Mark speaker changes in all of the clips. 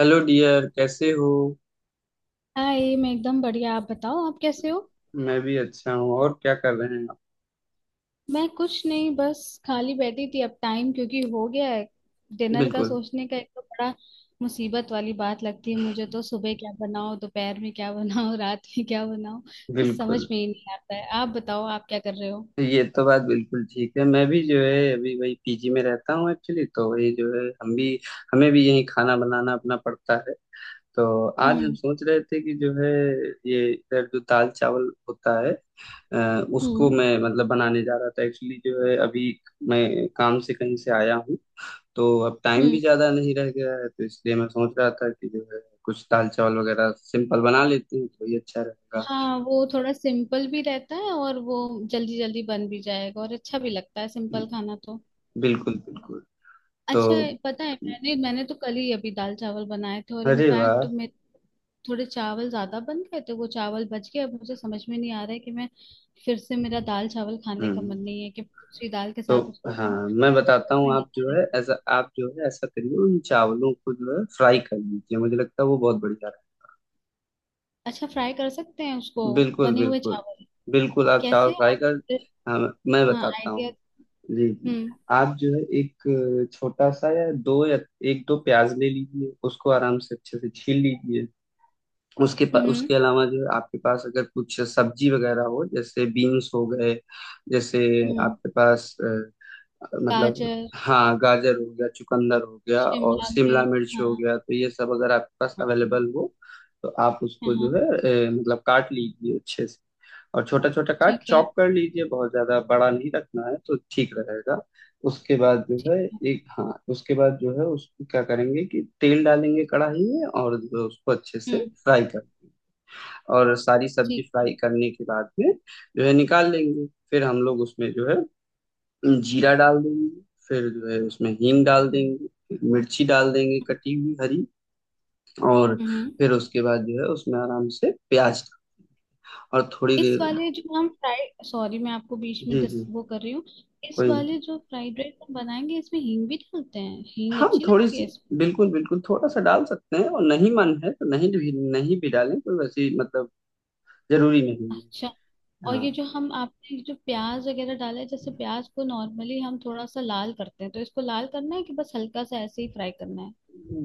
Speaker 1: Hello dear, कैसे हो।
Speaker 2: Hi, मैं एकदम बढ़िया। आप बताओ, आप कैसे हो?
Speaker 1: मैं भी अच्छा हूँ और क्या कर रहे हैं आप।
Speaker 2: मैं कुछ नहीं, बस खाली बैठी थी। अब टाइम क्योंकि हो गया है डिनर का
Speaker 1: बिल्कुल
Speaker 2: सोचने का, एक तो बड़ा मुसीबत वाली बात लगती है मुझे, तो सुबह क्या बनाओ, दोपहर में क्या बनाओ, रात में क्या बनाओ, कुछ समझ
Speaker 1: बिल्कुल।
Speaker 2: में ही नहीं आता है। आप बताओ, आप क्या कर रहे हो?
Speaker 1: ये तो बात बिल्कुल ठीक है। मैं भी जो है अभी वही पीजी में रहता हूँ एक्चुअली। तो वही जो है हम भी हमें भी यही खाना बनाना अपना पड़ता है। तो आज हम
Speaker 2: हम्म।
Speaker 1: सोच रहे थे कि जो है ये इधर जो दाल चावल होता है, उसको
Speaker 2: हम्म।
Speaker 1: मैं मतलब बनाने जा रहा था एक्चुअली। जो है अभी मैं काम से कहीं से आया हूँ। तो अब टाइम
Speaker 2: हम्म।
Speaker 1: भी ज्यादा नहीं रह गया है। तो इसलिए मैं सोच रहा था कि जो है कुछ दाल चावल वगैरह सिंपल बना लेते हैं तो ये अच्छा रहेगा।
Speaker 2: हाँ, वो थोड़ा सिंपल भी रहता है और वो जल्दी जल्दी बन भी जाएगा, और अच्छा भी लगता है सिंपल
Speaker 1: हम्म,
Speaker 2: खाना तो।
Speaker 1: बिल्कुल बिल्कुल। तो
Speaker 2: अच्छा है, पता है, मैंने मैंने तो कल ही अभी दाल चावल बनाए थे, और
Speaker 1: अरे वाह।
Speaker 2: इनफैक्ट मैं, थोड़े चावल ज्यादा बन गए थे, वो चावल बच गए। अब मुझे समझ में नहीं आ रहा है कि मैं, फिर से मेरा दाल चावल खाने का मन
Speaker 1: हम्म।
Speaker 2: नहीं है कि दूसरी दाल के
Speaker 1: तो
Speaker 2: साथ उसको
Speaker 1: हाँ
Speaker 2: खाऊं।
Speaker 1: मैं बताता
Speaker 2: समझ
Speaker 1: हूँ।
Speaker 2: में नहीं आ रहा है।
Speaker 1: आप जो है ऐसा करिए। उन चावलों को जो है फ्राई कर लीजिए। मुझे लगता है वो बहुत बढ़िया
Speaker 2: अच्छा, फ्राई कर सकते हैं उसको?
Speaker 1: है। बिल्कुल
Speaker 2: बने हुए
Speaker 1: बिल्कुल।
Speaker 2: चावल?
Speaker 1: बिल्कुल आप चावल
Speaker 2: कैसे
Speaker 1: फ्राई
Speaker 2: आप?
Speaker 1: कर। हाँ मैं
Speaker 2: हाँ,
Speaker 1: बताता
Speaker 2: आइडिया।
Speaker 1: हूँ। जी जी।
Speaker 2: हम्म।
Speaker 1: आप जो है एक छोटा सा, या दो, या एक दो प्याज ले लीजिए। उसको आराम से अच्छे से छील लीजिए।
Speaker 2: हम्म।
Speaker 1: उसके अलावा जो है आपके पास अगर कुछ सब्जी वगैरह हो, जैसे बीन्स हो गए, जैसे
Speaker 2: हम्म।
Speaker 1: आपके पास मतलब,
Speaker 2: गाजर,
Speaker 1: हाँ, गाजर हो गया, चुकंदर हो गया और
Speaker 2: शिमला
Speaker 1: शिमला
Speaker 2: मिर्च,
Speaker 1: मिर्च
Speaker 2: हाँ
Speaker 1: हो
Speaker 2: हाँ,
Speaker 1: गया, तो ये सब अगर आपके पास अवेलेबल हो, तो आप
Speaker 2: हाँ,
Speaker 1: उसको जो है
Speaker 2: हाँ,
Speaker 1: मतलब काट लीजिए अच्छे से। और छोटा छोटा काट,
Speaker 2: ठीक है।
Speaker 1: चॉप कर लीजिए। बहुत ज्यादा बड़ा नहीं रखना है तो ठीक रहेगा। उसके बाद जो
Speaker 2: ठीक
Speaker 1: है,
Speaker 2: है।
Speaker 1: एक, हाँ, उसके बाद जो है उसको क्या करेंगे कि तेल डालेंगे कढ़ाई में और जो उसको अच्छे
Speaker 2: हम्म।
Speaker 1: से फ्राई कर, और सारी सब्जी
Speaker 2: ठीक है।
Speaker 1: फ्राई करने के बाद में जो है निकाल लेंगे। फिर हम लोग उसमें जो है जीरा डाल देंगे, फिर जो है उसमें हींग डाल देंगे, फिर मिर्ची डाल देंगे
Speaker 2: हम्म।
Speaker 1: कटी हुई हरी। और
Speaker 2: हम्म।
Speaker 1: फिर उसके बाद जो है उसमें आराम से प्याज और थोड़ी
Speaker 2: इस
Speaker 1: देर।
Speaker 2: वाले जो हम फ्राइड, सॉरी, मैं आपको बीच में
Speaker 1: जी जी।
Speaker 2: वो कर रही हूँ। इस
Speaker 1: कोई नहीं,
Speaker 2: वाले जो फ्राइड राइस हम बनाएंगे इसमें हींग भी डालते हैं, हींग
Speaker 1: हम
Speaker 2: अच्छी
Speaker 1: थोड़ी
Speaker 2: लगती है
Speaker 1: सी,
Speaker 2: इसमें।
Speaker 1: बिल्कुल बिल्कुल थोड़ा सा डाल सकते हैं। और नहीं मन है तो नहीं भी डालें, कोई वैसी मतलब जरूरी नहीं है।
Speaker 2: अच्छा। और
Speaker 1: हाँ।
Speaker 2: ये जो हम आपने, ये जो प्याज वगैरह डाला है, जैसे प्याज को नॉर्मली हम थोड़ा सा लाल करते हैं, तो इसको लाल करना है कि बस हल्का सा ऐसे ही फ्राई करना है?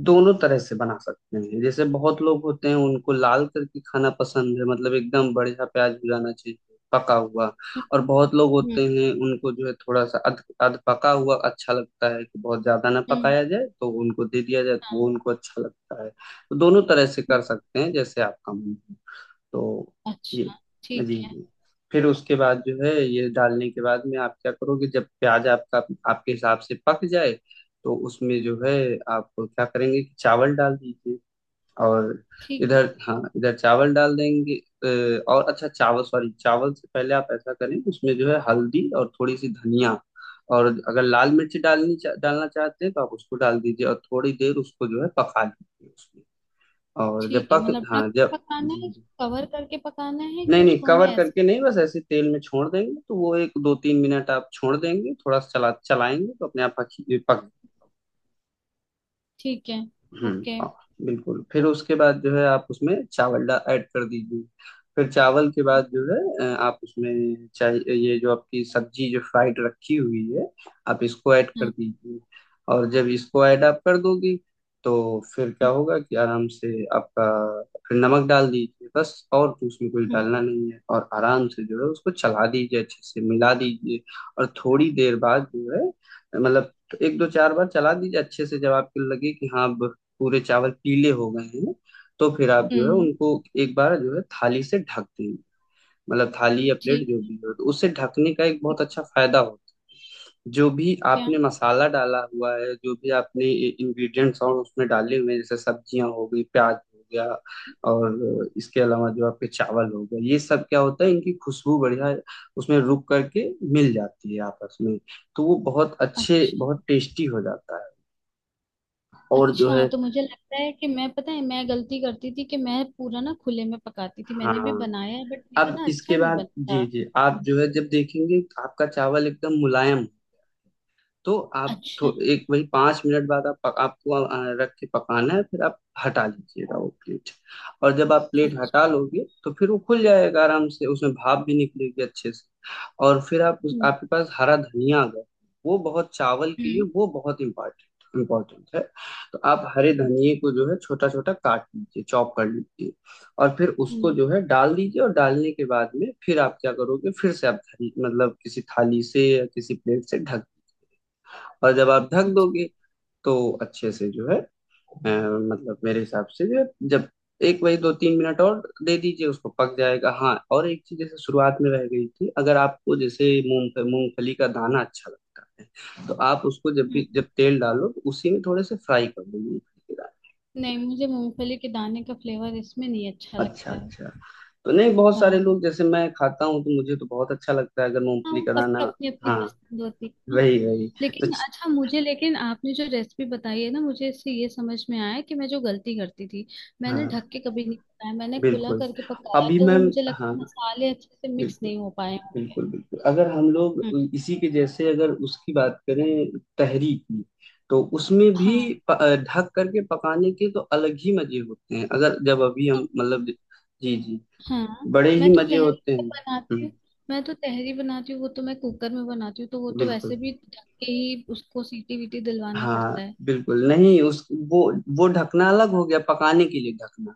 Speaker 1: दोनों तरह से बना सकते हैं। जैसे बहुत लोग होते हैं उनको लाल करके खाना पसंद है, मतलब एकदम बढ़िया प्याज भुनाना चाहिए, पका हुआ। और बहुत लोग
Speaker 2: हम्म।
Speaker 1: होते
Speaker 2: हम्म।
Speaker 1: हैं उनको जो है थोड़ा सा अध अध पका हुआ अच्छा लगता है, कि बहुत ज्यादा ना
Speaker 2: हम्म,
Speaker 1: पकाया जाए तो उनको दे दिया जाए, तो वो
Speaker 2: हाँ।
Speaker 1: उनको अच्छा लगता है। तो दोनों तरह से
Speaker 2: हम्म।
Speaker 1: कर सकते हैं जैसे आपका मन। तो ये।
Speaker 2: अच्छा। ठीक
Speaker 1: जी
Speaker 2: है।
Speaker 1: जी। फिर उसके बाद जो है ये डालने के बाद में आप क्या करोगे, जब प्याज आपका आपके हिसाब से पक जाए तो उसमें जो है आप क्या करेंगे कि चावल डाल दीजिए। और
Speaker 2: ठीक है।
Speaker 1: इधर, हाँ, इधर चावल डाल देंगे। और अच्छा, चावल, सॉरी, चावल से पहले आप ऐसा करें उसमें जो है हल्दी और थोड़ी सी धनिया, और अगर लाल मिर्च डालना चाहते हैं तो आप उसको डाल दीजिए और थोड़ी देर उसको जो है पका लीजिए उसमें। और जब
Speaker 2: ठीक है,
Speaker 1: पक
Speaker 2: मतलब
Speaker 1: हाँ,
Speaker 2: ढक के
Speaker 1: जब।
Speaker 2: पकाना
Speaker 1: जी।
Speaker 2: है? कवर करके पकाना है कि
Speaker 1: नहीं नहीं,
Speaker 2: उसको हमें
Speaker 1: कवर
Speaker 2: ऐसे?
Speaker 1: करके नहीं, बस ऐसे तेल में छोड़ देंगे तो वो एक दो तीन मिनट आप छोड़ देंगे, थोड़ा चलाएंगे तो अपने आप पक पक।
Speaker 2: ठीक है।
Speaker 1: हम्म,
Speaker 2: ओके।
Speaker 1: हाँ, बिल्कुल। फिर उसके बाद जो है आप उसमें चावल डा ऐड कर दीजिए। फिर चावल के
Speaker 2: हम्म।
Speaker 1: बाद जो है आप उसमें चाहे ये जो आपकी सब्जी जो फ्राइड रखी हुई है, आप इसको ऐड कर
Speaker 2: हम्म।
Speaker 1: दीजिए। और जब इसको ऐड आप कर दोगी, तो फिर क्या होगा कि आराम से आपका फिर नमक डाल दीजिए। बस, और तो उसमें कुछ
Speaker 2: हम्म।
Speaker 1: डालना नहीं है। और आराम से जो है उसको चला दीजिए, अच्छे से मिला दीजिए। और थोड़ी देर बाद जो है, मतलब एक दो चार बार चला दीजिए अच्छे से। जब आपको लगे कि हाँ अब पूरे चावल पीले हो गए हैं, तो फिर आप जो है
Speaker 2: हम्म,
Speaker 1: उनको एक बार जो है थाली से ढक दें। मतलब थाली या प्लेट
Speaker 2: ठीक
Speaker 1: जो
Speaker 2: है।
Speaker 1: भी हो। तो उससे ढकने का एक बहुत
Speaker 2: ठीक।
Speaker 1: अच्छा फायदा होता है, जो भी
Speaker 2: क्या?
Speaker 1: आपने मसाला डाला हुआ है, जो भी आपने इंग्रेडिएंट्स और उसमें डाले हुए हैं, जैसे सब्जियां हो गई, प्याज हो गया, और इसके अलावा जो आपके चावल हो गए, ये सब क्या होता है, इनकी खुशबू बढ़िया उसमें रुक करके मिल जाती है आपस में। तो वो बहुत अच्छे,
Speaker 2: अच्छा।
Speaker 1: बहुत टेस्टी हो जाता है। और जो
Speaker 2: अच्छा,
Speaker 1: है,
Speaker 2: तो मुझे लगता है कि मैं, पता है, मैं गलती करती थी कि मैं पूरा ना खुले में पकाती थी,
Speaker 1: हाँ,
Speaker 2: मैंने भी बनाया है बट मेरा
Speaker 1: अब
Speaker 2: ना अच्छा
Speaker 1: इसके
Speaker 2: नहीं
Speaker 1: बाद,
Speaker 2: बनता।
Speaker 1: जी जी, आप जो है जब देखेंगे आपका चावल एकदम मुलायम, तो आप
Speaker 2: अच्छा।
Speaker 1: एक वही 5 मिनट बाद आप आपको रख के पकाना है, फिर आप हटा लीजिएगा वो प्लेट। और जब आप प्लेट
Speaker 2: अच्छा।
Speaker 1: हटा लोगे तो फिर वो खुल जाएगा आराम से, उसमें भाप भी निकलेगी अच्छे से। और फिर आप
Speaker 2: हम्म।
Speaker 1: आपके पास हरा धनिया अगर, वो बहुत चावल के लिए
Speaker 2: हम्म।
Speaker 1: वो बहुत इम्पोर्टेंट इम्पोर्टेंट है। तो आप हरे धनिए को जो है छोटा छोटा काट लीजिए, चॉप कर लीजिए। और फिर उसको
Speaker 2: हम्म,
Speaker 1: जो है डाल दीजिए। और डालने के बाद में फिर आप क्या करोगे, फिर से आप मतलब किसी थाली से या किसी प्लेट से ढक। और जब आप ढक
Speaker 2: अच्छा,
Speaker 1: दोगे, तो अच्छे से जो है मतलब मेरे हिसाब से जो है जब एक वही दो तीन मिनट और दे दीजिए, उसको पक जाएगा। हाँ, और एक चीज जैसे शुरुआत में रह गई थी, अगर आपको जैसे मूंगफली का दाना अच्छा लगता है, तो आप उसको
Speaker 2: हम्म।
Speaker 1: जब तेल डालो तो उसी में थोड़े से फ्राई कर दो मूंगफली के
Speaker 2: नहीं, मुझे मूंगफली के दाने का फ्लेवर इसमें नहीं अच्छा
Speaker 1: दाने। अच्छा
Speaker 2: लगता है।
Speaker 1: अच्छा। तो नहीं, बहुत सारे
Speaker 2: हाँ।
Speaker 1: लोग जैसे, मैं खाता हूँ तो मुझे तो बहुत अच्छा लगता है अगर
Speaker 2: हाँ,
Speaker 1: मूंगफली का
Speaker 2: वो
Speaker 1: दाना।
Speaker 2: सबकी अपनी अपनी
Speaker 1: हाँ,
Speaker 2: पसंद होती है।
Speaker 1: वही वही। तो
Speaker 2: लेकिन
Speaker 1: च-
Speaker 2: अच्छा, मुझे लेकिन आपने जो रेसिपी बताई है ना, मुझे इससे ये समझ में आया कि मैं जो गलती करती थी, मैंने
Speaker 1: हाँ,
Speaker 2: ढक के कभी नहीं पकाया, मैंने खुला
Speaker 1: बिल्कुल।
Speaker 2: करके पकाया,
Speaker 1: अभी
Speaker 2: तो वो
Speaker 1: मैम,
Speaker 2: मुझे
Speaker 1: हाँ,
Speaker 2: लगता है मसाले अच्छे से मिक्स
Speaker 1: बिल्कुल
Speaker 2: नहीं हो पाए होंगे।
Speaker 1: बिल्कुल बिल्कुल। अगर हम लोग
Speaker 2: हम्म,
Speaker 1: इसी के जैसे अगर उसकी बात करें तहरी की, तो उसमें भी
Speaker 2: हाँ।
Speaker 1: ढक करके पकाने के तो अलग ही मजे होते हैं, अगर। जब अभी हम
Speaker 2: तो
Speaker 1: मतलब, जी जी,
Speaker 2: हाँ,
Speaker 1: बड़े ही
Speaker 2: मैं तो
Speaker 1: मजे
Speaker 2: तहरी
Speaker 1: होते
Speaker 2: तो
Speaker 1: हैं।
Speaker 2: बनाती
Speaker 1: हम्म,
Speaker 2: हूँ। मैं तो तहरी बनाती हूँ, वो तो मैं कुकर में बनाती हूँ, तो वो तो वैसे
Speaker 1: बिल्कुल।
Speaker 2: भी ढक के ही उसको सीटी वीटी दिलवाना
Speaker 1: हाँ,
Speaker 2: पड़ता है।
Speaker 1: बिल्कुल। नहीं, उस वो ढकना अलग हो गया, पकाने के लिए ढकना।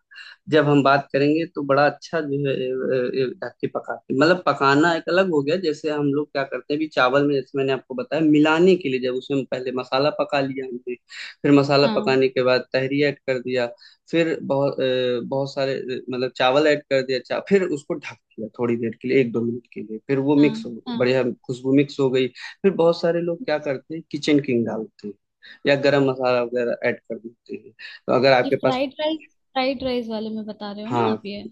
Speaker 1: जब हम बात करेंगे तो बड़ा अच्छा। जो है ढक के पकाते, मतलब पकाना एक अलग हो गया। जैसे हम लोग क्या करते हैं अभी चावल में, जैसे मैंने आपको बताया, मिलाने के लिए जब उसमें पहले मसाला पका लिया हमने, फिर मसाला
Speaker 2: हाँ।
Speaker 1: पकाने के बाद तहरी ऐड कर दिया। फिर बहुत सारे मतलब चावल ऐड कर दिया, फिर उसको ढक दिया थोड़ी देर के लिए, एक दो मिनट के लिए। फिर वो मिक्स
Speaker 2: हाँ।
Speaker 1: हो,
Speaker 2: हाँ,
Speaker 1: बढ़िया खुशबू मिक्स हो गई। फिर बहुत सारे लोग क्या करते हैं, किचन किंग डालते हैं या गरम मसाला वगैरह ऐड कर देते हैं, तो अगर
Speaker 2: ये
Speaker 1: आपके पास,
Speaker 2: फ्राइड राइस, फ्राइड राइस वाले में बता रहे हो ना आप
Speaker 1: हाँ।
Speaker 2: ये?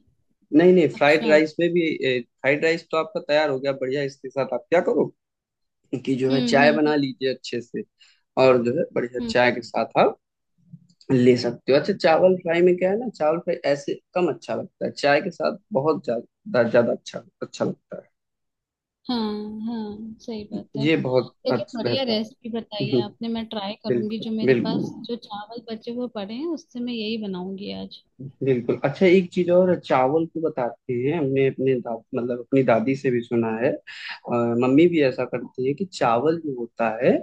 Speaker 1: नहीं नहीं,
Speaker 2: अच्छा।
Speaker 1: फ्राइड राइस तो आपका तैयार हो गया बढ़िया। इसके साथ आप क्या करो कि जो है
Speaker 2: हम्म।
Speaker 1: चाय बना
Speaker 2: हम्म।
Speaker 1: लीजिए अच्छे से। और जो है बढ़िया
Speaker 2: हम्म।
Speaker 1: चाय के साथ आप ले सकते हो। अच्छा, चावल फ्राई में क्या है ना, चावल फ्राई ऐसे कम अच्छा लगता है, चाय के साथ बहुत ज्यादा ज्यादा अच्छा अच्छा लगता
Speaker 2: हाँ। हाँ, सही
Speaker 1: है।
Speaker 2: बात है।
Speaker 1: ये बहुत
Speaker 2: लेकिन
Speaker 1: अच्छा
Speaker 2: बढ़िया
Speaker 1: रहता है।
Speaker 2: रेसिपी बताई है आपने, मैं ट्राई करूंगी,
Speaker 1: बिल्कुल
Speaker 2: जो मेरे पास
Speaker 1: बिल्कुल
Speaker 2: जो चावल बचे हुए पड़े हैं उससे मैं यही बनाऊंगी आज।
Speaker 1: बिल्कुल। अच्छा, एक चीज और चावल को बताते हैं, हमने अपने मतलब अपनी दादी से भी सुना है, और मम्मी भी ऐसा करती है, कि चावल जो होता है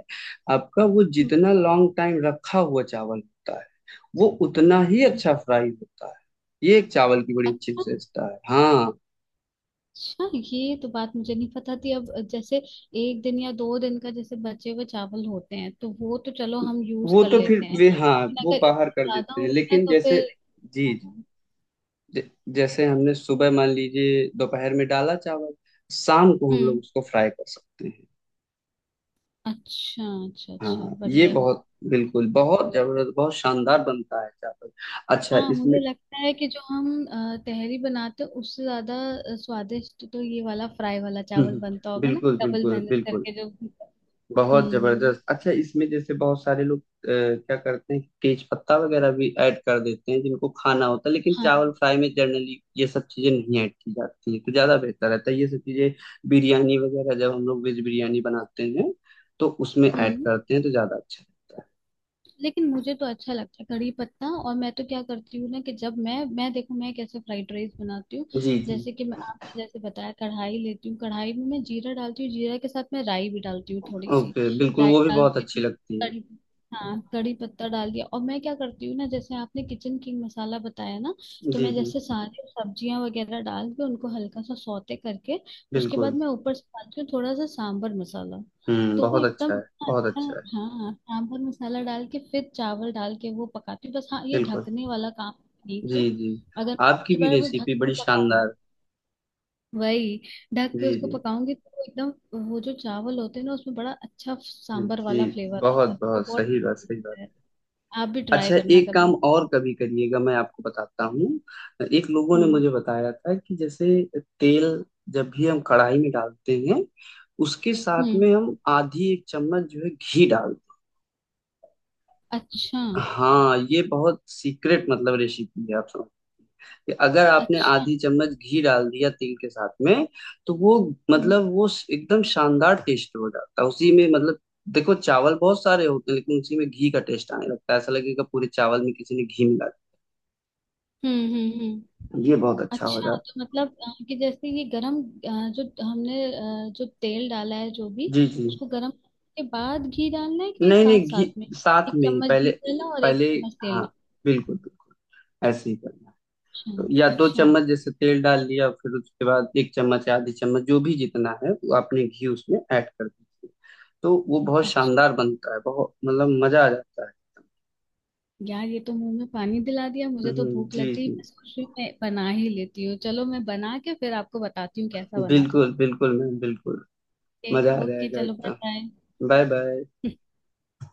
Speaker 1: आपका, वो
Speaker 2: हम्म।
Speaker 1: जितना लॉन्ग टाइम रखा हुआ चावल होता है, वो उतना ही
Speaker 2: हम्म।
Speaker 1: अच्छा फ्राई होता है। ये एक चावल की बड़ी अच्छी
Speaker 2: अच्छा।
Speaker 1: विशेषता है। हाँ।
Speaker 2: अच्छा, ये तो बात मुझे नहीं पता थी। अब जैसे एक दिन या 2 दिन का जैसे बचे हुए चावल होते हैं तो वो तो चलो हम यूज
Speaker 1: वो
Speaker 2: कर
Speaker 1: तो फिर
Speaker 2: लेते हैं,
Speaker 1: वे हाँ,
Speaker 2: लेकिन
Speaker 1: वो
Speaker 2: अगर
Speaker 1: बाहर
Speaker 2: इससे
Speaker 1: कर
Speaker 2: ज्यादा
Speaker 1: देते हैं।
Speaker 2: होता है
Speaker 1: लेकिन
Speaker 2: तो
Speaker 1: जैसे,
Speaker 2: फिर।
Speaker 1: जी,
Speaker 2: हाँ,
Speaker 1: ज- जैसे हमने सुबह मान लीजिए दोपहर में डाला चावल, शाम को हम लोग
Speaker 2: हम्म।
Speaker 1: उसको फ्राई कर सकते हैं।
Speaker 2: अच्छा, अच्छा, अच्छा,
Speaker 1: हाँ, ये
Speaker 2: बढ़िया है।
Speaker 1: बहुत बिल्कुल बहुत जबरदस्त बहुत शानदार बनता है चावल। अच्छा,
Speaker 2: हाँ,
Speaker 1: इसमें
Speaker 2: मुझे लगता है कि जो हम तहरी बनाते हैं उससे ज्यादा स्वादिष्ट तो ये वाला फ्राई वाला चावल बनता होगा ना
Speaker 1: बिल्कुल
Speaker 2: डबल
Speaker 1: बिल्कुल
Speaker 2: मेहनत
Speaker 1: बिल्कुल,
Speaker 2: करके जो।
Speaker 1: बहुत
Speaker 2: हम्म।
Speaker 1: जबरदस्त। अच्छा, इसमें जैसे बहुत सारे लोग क्या करते हैं, तेज पत्ता वगैरह भी ऐड कर देते हैं जिनको खाना होता है। लेकिन चावल
Speaker 2: हाँ।
Speaker 1: फ्राई में जनरली ये सब चीजें नहीं ऐड की जाती हैं, तो ज्यादा बेहतर रहता है। ये सब चीजें बिरयानी वगैरह, जब हम लोग वेज बिरयानी बनाते हैं, तो उसमें ऐड
Speaker 2: हम्म।
Speaker 1: करते हैं, तो ज्यादा अच्छा रहता
Speaker 2: लेकिन मुझे तो अच्छा लगता है कड़ी पत्ता, और मैं तो क्या करती हूँ ना, कि जब मैं देखो मैं कैसे फ्राइड राइस बनाती हूँ।
Speaker 1: है। जी जी।
Speaker 2: जैसे कि मैं, आपने जैसे बताया, कढ़ाई लेती हूँ, कढ़ाई में मैं जीरा डालती हूँ, जीरा के साथ मैं राई भी डालती हूँ थोड़ी सी।
Speaker 1: ओके, बिल्कुल,
Speaker 2: राई
Speaker 1: वो भी बहुत
Speaker 2: डालती
Speaker 1: अच्छी
Speaker 2: हूँ,
Speaker 1: लगती है।
Speaker 2: कड़ी, हाँ, कड़ी पत्ता डाल दिया। और मैं क्या करती हूँ ना, जैसे आपने किचन किंग मसाला बताया ना, तो
Speaker 1: जी
Speaker 2: मैं
Speaker 1: जी
Speaker 2: जैसे सारी सब्जियां वगैरह डाल के उनको हल्का सा सौते करके, उसके बाद
Speaker 1: बिल्कुल।
Speaker 2: मैं ऊपर से डालती हूँ थोड़ा सा सांबर मसाला,
Speaker 1: हम्म,
Speaker 2: तो वो
Speaker 1: बहुत
Speaker 2: एकदम।
Speaker 1: अच्छा है। बहुत
Speaker 2: अच्छा।
Speaker 1: अच्छा है।
Speaker 2: हाँ, सांभर मसाला डाल के फिर चावल डाल के वो पकाती हूँ बस, हाँ, ये
Speaker 1: बिल्कुल,
Speaker 2: ढकने वाला काम नहीं किया।
Speaker 1: जी जी,
Speaker 2: अगर मैं
Speaker 1: आपकी
Speaker 2: अगली
Speaker 1: भी
Speaker 2: बार वो ढक
Speaker 1: रेसिपी
Speaker 2: के
Speaker 1: बड़ी
Speaker 2: पकाऊंगी,
Speaker 1: शानदार।
Speaker 2: वही ढक के
Speaker 1: जी
Speaker 2: उसको
Speaker 1: जी
Speaker 2: पकाऊंगी तो वो एकदम, वो जो चावल होते हैं ना उसमें बड़ा अच्छा सांभर
Speaker 1: जी।
Speaker 2: वाला फ्लेवर आता
Speaker 1: बहुत
Speaker 2: है, वो
Speaker 1: बहुत
Speaker 2: बहुत
Speaker 1: सही बात,
Speaker 2: tasty
Speaker 1: सही बात।
Speaker 2: लगता है। आप भी ट्राई
Speaker 1: अच्छा,
Speaker 2: करना
Speaker 1: एक काम
Speaker 2: कभी।
Speaker 1: और कभी करिएगा, मैं आपको बताता हूँ। एक लोगों ने
Speaker 2: हम्म।
Speaker 1: मुझे बताया था कि जैसे तेल जब भी हम कढ़ाई में डालते हैं, उसके साथ
Speaker 2: हम्म।
Speaker 1: में हम आधी एक चम्मच जो है घी डालते
Speaker 2: अच्छा।
Speaker 1: हैं। हाँ, ये बहुत सीक्रेट मतलब रेसिपी है, आप समझ। कि अगर आपने
Speaker 2: अच्छा।
Speaker 1: आधी चम्मच घी डाल दिया तेल के साथ में, तो वो,
Speaker 2: हम्म।
Speaker 1: मतलब वो एकदम शानदार टेस्ट हो जाता है उसी में। मतलब देखो चावल बहुत सारे होते हैं, लेकिन उसी में घी का टेस्ट आने लगता है, ऐसा लगेगा पूरे चावल में किसी ने घी मिला
Speaker 2: हम्म। हम्म। हम्म।
Speaker 1: दिया। ये बहुत अच्छा हो
Speaker 2: अच्छा,
Speaker 1: जाता
Speaker 2: तो मतलब कि जैसे ये गरम, जो हमने, जो तेल डाला है जो
Speaker 1: है।
Speaker 2: भी,
Speaker 1: जी जी।
Speaker 2: उसको गरम करने के बाद घी डालना है कि
Speaker 1: नहीं नहीं,
Speaker 2: साथ
Speaker 1: घी
Speaker 2: साथ में?
Speaker 1: साथ
Speaker 2: एक
Speaker 1: में ही
Speaker 2: चम्मच
Speaker 1: पहले।
Speaker 2: घी डाला और एक
Speaker 1: पहले
Speaker 2: चम्मच
Speaker 1: हाँ,
Speaker 2: तेल
Speaker 1: बिल्कुल बिल्कुल ऐसे ही करना। तो या
Speaker 2: डाला? अच्छा।
Speaker 1: दो
Speaker 2: अच्छा।
Speaker 1: चम्मच जैसे तेल डाल लिया, फिर उसके बाद एक चम्मच या आधी चम्मच जो भी जितना है, वो आपने घी उसमें ऐड कर दीजिए। तो वो बहुत
Speaker 2: अच्छा।
Speaker 1: शानदार बनता है, बहुत मतलब मजा आ जाता है।
Speaker 2: यार, ये तो मुंह में पानी दिला दिया, मुझे तो भूख लग
Speaker 1: जी
Speaker 2: गई।
Speaker 1: जी
Speaker 2: मैं सोच रही हूँ मैं बना ही लेती हूँ, चलो, मैं बना के फिर आपको बताती हूँ कैसा बना था।
Speaker 1: बिल्कुल बिल्कुल मैम बिल्कुल, मजा आ
Speaker 2: ओके। ओके,
Speaker 1: जाएगा
Speaker 2: चलो, बाय
Speaker 1: एकदम।
Speaker 2: बाय।
Speaker 1: Bye bye.